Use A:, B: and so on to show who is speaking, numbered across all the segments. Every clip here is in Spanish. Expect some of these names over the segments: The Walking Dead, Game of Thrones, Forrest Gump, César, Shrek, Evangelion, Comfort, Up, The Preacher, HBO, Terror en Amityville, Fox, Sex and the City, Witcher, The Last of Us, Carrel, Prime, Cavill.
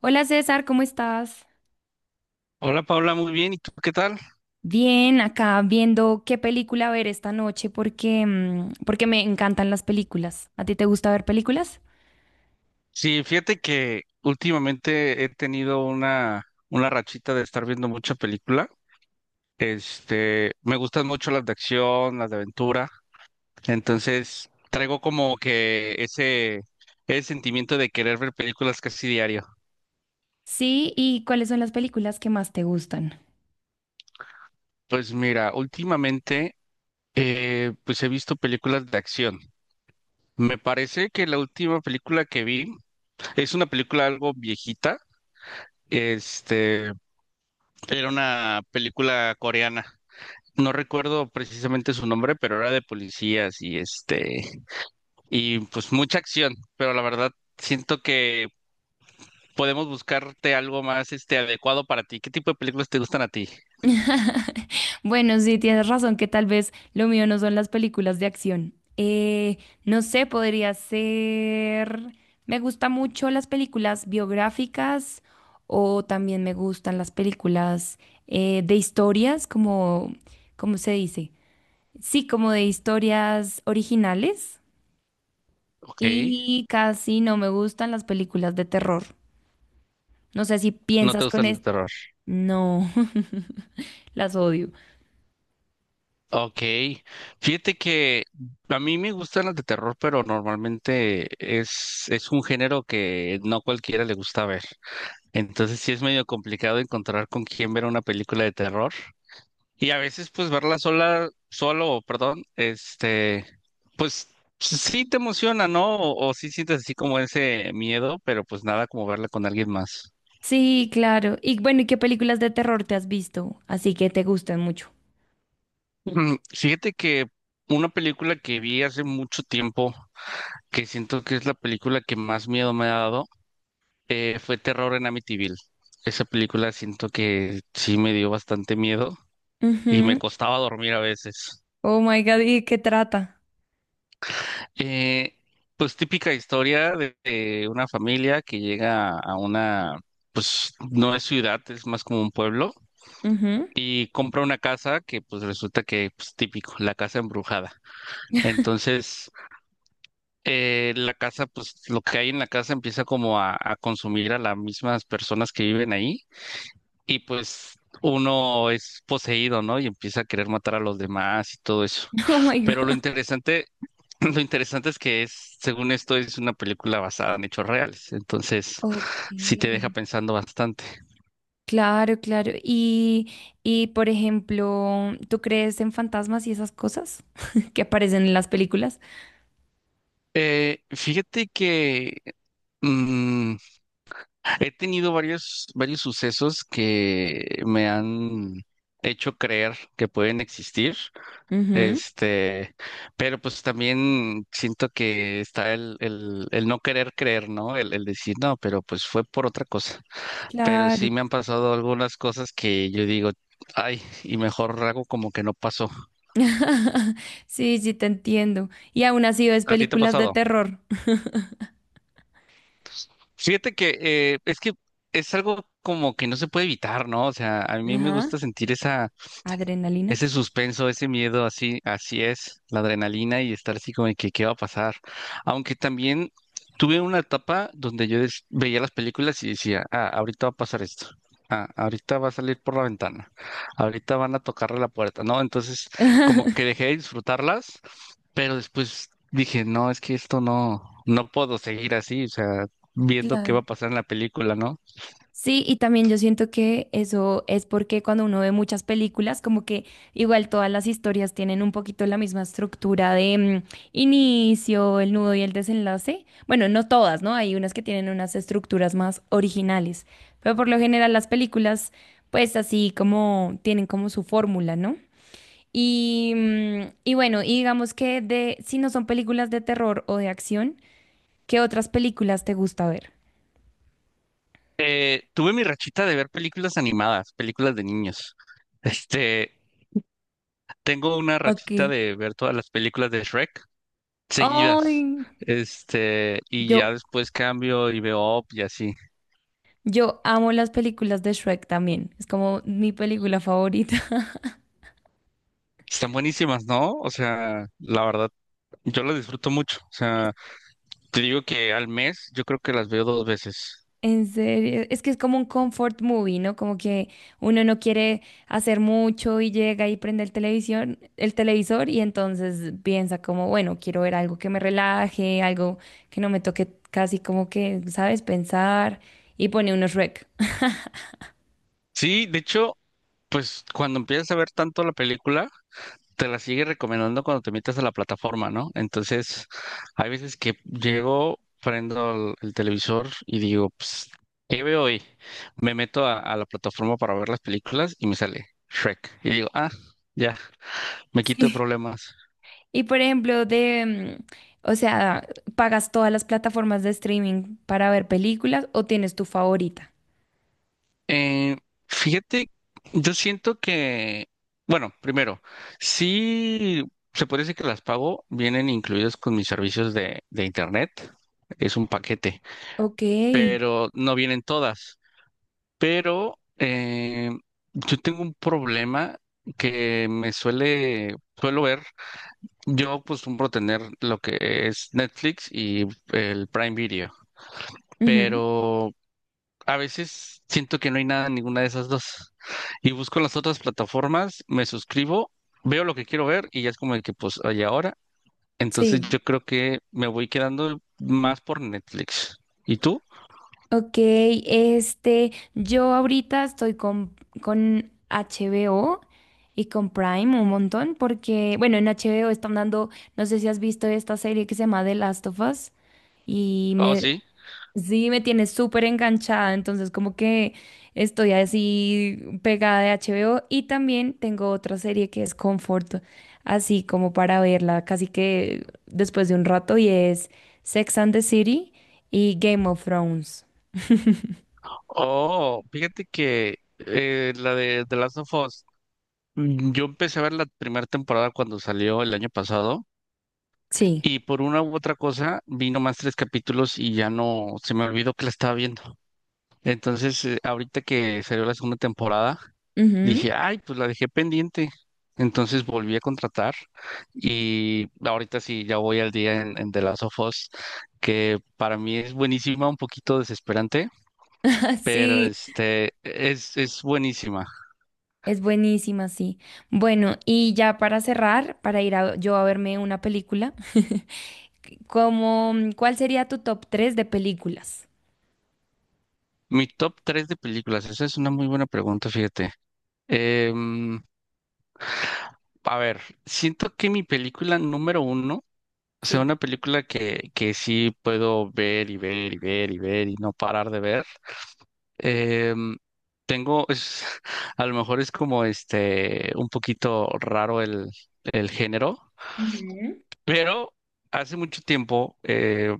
A: Hola César, ¿cómo estás?
B: Hola Paula, muy bien. ¿Y tú qué tal?
A: Bien, acá viendo qué película ver esta noche porque, porque me encantan las películas. ¿A ti te gusta ver películas?
B: Sí, fíjate que últimamente he tenido una rachita de estar viendo mucha película. Me gustan mucho las de acción, las de aventura. Entonces, traigo como que ese sentimiento de querer ver películas casi diario.
A: Sí, ¿y cuáles son las películas que más te gustan?
B: Pues mira, últimamente pues he visto películas de acción. Me parece que la última película que vi es una película algo viejita. Este, Era una película coreana. No recuerdo precisamente su nombre, pero era de policías y y pues mucha acción, pero la verdad siento que podemos buscarte algo más adecuado para ti. ¿Qué tipo de películas te gustan a ti?
A: Bueno, sí, tienes razón que tal vez lo mío no son las películas de acción. No sé, podría ser. Me gustan mucho las películas biográficas o también me gustan las películas de historias, como, ¿cómo se dice? Sí, como de historias originales
B: Ok,
A: y casi no me gustan las películas de terror. No sé si
B: no te
A: piensas con
B: gustan el
A: esto.
B: terror.
A: No, las odio.
B: Ok, fíjate que a mí me gustan las de terror, pero normalmente es un género que no cualquiera le gusta ver. Entonces sí es medio complicado encontrar con quién ver una película de terror. Y a veces, pues, verla sola, solo, perdón, pues sí te emociona, ¿no? O sí sientes así como ese miedo, pero pues nada como verla con alguien más.
A: Sí, claro. Y bueno, ¿y qué películas de terror te has visto? Así que te gustan mucho.
B: Fíjate que una película que vi hace mucho tiempo, que siento que es la película que más miedo me ha dado, fue Terror en Amityville. Esa película siento que sí me dio bastante miedo y me
A: Ujú.
B: costaba dormir a veces.
A: Oh my God, ¿y de qué trata?
B: Eh, pues típica historia de una familia que llega a una, pues no es ciudad, es más como un pueblo,
A: Ujú.
B: y compra una casa que pues resulta que, pues típico, la casa embrujada. Entonces, la casa, pues lo que hay en la casa empieza como a consumir a las mismas personas que viven ahí, y pues uno es poseído, ¿no? Y empieza a querer matar a los demás y todo eso.
A: Oh my
B: Pero lo
A: God.
B: interesante Lo interesante es que es, según esto, es una película basada en hechos reales, entonces sí te deja
A: Okay.
B: pensando bastante.
A: Claro, claro. Y por ejemplo, ¿tú crees en fantasmas y esas cosas que aparecen en las películas?
B: Fíjate que mm, he tenido varios sucesos que me han hecho creer que pueden existir,
A: Ujú.
B: este, pero pues también siento que está el no querer creer, ¿no? El decir, no, pero pues fue por otra cosa. Pero
A: Claro.
B: sí me han pasado algunas cosas que yo digo, ay, y mejor hago como que no pasó.
A: Sí, sí, te entiendo. Y aún así ves
B: ¿A ti te ha
A: películas de
B: pasado?
A: terror.
B: Fíjate que es que es algo como que no se puede evitar, ¿no? O sea, a mí me
A: Ajá.
B: gusta sentir esa...
A: Adrenalina.
B: Ese suspenso, ese miedo, así, así es, la adrenalina y estar así como de que qué va a pasar. Aunque también tuve una etapa donde yo veía las películas y decía, ah, ahorita va a pasar esto. Ah, ahorita va a salir por la ventana. Ahorita van a tocarle la puerta, ¿no? Entonces, como que dejé de disfrutarlas, pero después dije, no, es que esto no, no puedo seguir así, o sea, viendo qué va
A: Claro.
B: a pasar en la película, ¿no?
A: Sí, y también yo siento que eso es porque cuando uno ve muchas películas, como que igual todas las historias tienen un poquito la misma estructura de inicio, el nudo y el desenlace. Bueno, no todas, ¿no? Hay unas que tienen unas estructuras más originales, pero por lo general las películas, pues así como tienen como su fórmula, ¿no? Y, y bueno, y digamos que de, si no son películas de terror o de acción, ¿qué otras películas te gusta ver?
B: Tuve mi rachita de ver películas animadas, películas de niños. Este, Tengo una
A: Ok.
B: rachita de ver todas las películas de Shrek seguidas.
A: Ay,
B: Y
A: yo,
B: ya después cambio y veo Up y así.
A: yo amo las películas de Shrek también. Es como mi película favorita.
B: Están buenísimas, ¿no? O sea, la verdad, yo las disfruto mucho. O sea, te digo que al mes yo creo que las veo 2 veces.
A: En serio, es que es como un comfort movie, ¿no? Como que uno no quiere hacer mucho y llega y prende el televisor y entonces piensa como, bueno, quiero ver algo que me relaje, algo que no me toque casi como que, ¿sabes? Pensar y pone unos Shrek.
B: Sí, de hecho, pues cuando empiezas a ver tanto la película, te la sigue recomendando cuando te metes a la plataforma, ¿no? Entonces, hay veces que llego, prendo el televisor y digo, pues, ¿qué veo hoy? Me meto a la plataforma para ver las películas y me sale Shrek. Y digo, ah, ya, me quito de
A: Sí.
B: problemas.
A: Y por ejemplo, de, o sea, ¿pagas todas las plataformas de streaming para ver películas o tienes tu favorita?
B: Eh, Fíjate, yo siento que, bueno, primero, sí, se puede decir que las pago, vienen incluidas con mis servicios de internet. Es un paquete,
A: Ok.
B: pero no vienen todas. Pero yo tengo un problema que me suele, suelo ver. Yo acostumbro tener lo que es Netflix y el Prime Video,
A: Ujú.
B: pero a veces siento que no hay nada en ninguna de esas dos. Y busco las otras plataformas, me suscribo, veo lo que quiero ver y ya es como de que pues hay ahora. Entonces
A: Sí,
B: yo creo que me voy quedando más por Netflix. ¿Y tú?
A: Ok, este, yo ahorita estoy con HBO y con Prime un montón porque, bueno, en HBO están dando, no sé si has visto esta serie que se llama The Last of Us y
B: Oh,
A: me,
B: sí.
A: sí, me tiene súper enganchada, entonces como que estoy así pegada de HBO y también tengo otra serie que es Comfort, así como para verla casi que después de un rato y es Sex and the City y Game of Thrones.
B: Oh, fíjate que la de The Last of Us, yo empecé a ver la primera temporada cuando salió el año pasado
A: Sí,
B: y por una u otra cosa vi nomás 3 capítulos y ya no, se me olvidó que la estaba viendo. Entonces, ahorita que salió la segunda temporada,
A: ujú,
B: dije, ay, pues la dejé pendiente. Entonces volví a contratar y ahorita sí, ya voy al día en The Last of Us, que para mí es buenísima, un poquito desesperante pero
A: Sí,
B: este es buenísima.
A: es buenísima, sí. Bueno, y ya para cerrar, yo a verme una película, como, ¿cuál sería tu top 3 de películas?
B: Mi top 3 de películas, esa es una muy buena pregunta, fíjate. Em, a ver, siento que mi película número uno, o sea,
A: Sí.
B: una película que sí puedo ver y ver y ver y ver y no parar de ver. Em, Tengo, es, a lo mejor es como este, un poquito raro el género,
A: Ujú.
B: pero hace mucho tiempo,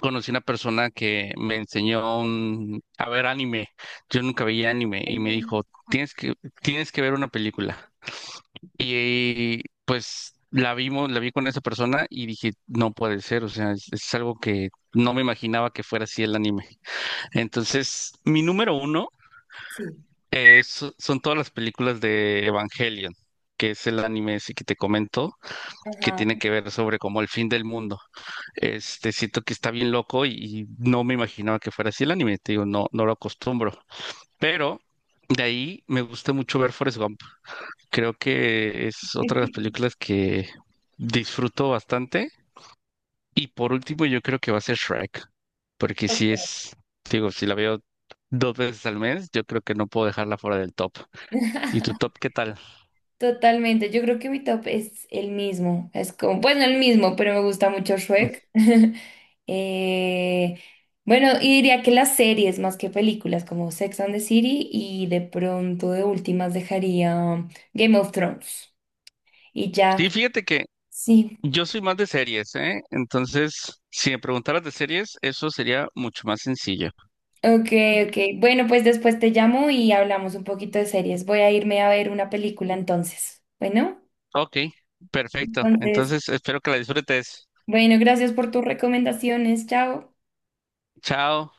B: conocí una persona que me enseñó a ver anime. Yo nunca veía anime y me
A: Eh,
B: dijo, tienes que ver una película. Y pues la vimos, la vi con esa persona y dije, no puede ser, o sea, es algo que no me imaginaba que fuera así el anime. Entonces, mi número uno
A: Sí.
B: es, son todas las películas de Evangelion, que es el anime ese que te comento, que
A: Ajá.
B: tiene que ver sobre como el fin del mundo. Este, siento que está bien loco y no me imaginaba que fuera así el anime, te digo, no, no lo acostumbro. Pero de ahí me gusta mucho ver Forrest Gump. Creo que es otra de las películas que disfruto bastante. Y por último, yo creo que va a ser Shrek, porque si
A: Total.
B: es, te digo, si la veo 2 veces al mes, yo creo que no puedo dejarla fuera del top. ¿Y tu top qué tal?
A: Totalmente, yo creo que mi top es el mismo, es como, bueno, el mismo, pero me gusta mucho Shrek. Eh, bueno, y diría que las series más que películas, como Sex and the City, y de pronto de últimas dejaría Game of Thrones. Y ya,
B: Sí, fíjate que
A: sí,
B: yo soy más de series, ¿eh? Entonces, si me preguntaras de series, eso sería mucho más sencillo.
A: ok, ok. Bueno, pues después te llamo y hablamos un poquito de series. Voy a irme a ver una película entonces. Bueno,
B: Ok, perfecto.
A: entonces,
B: Entonces espero que la disfrutes.
A: bueno, gracias por tus recomendaciones, chao.
B: Chao.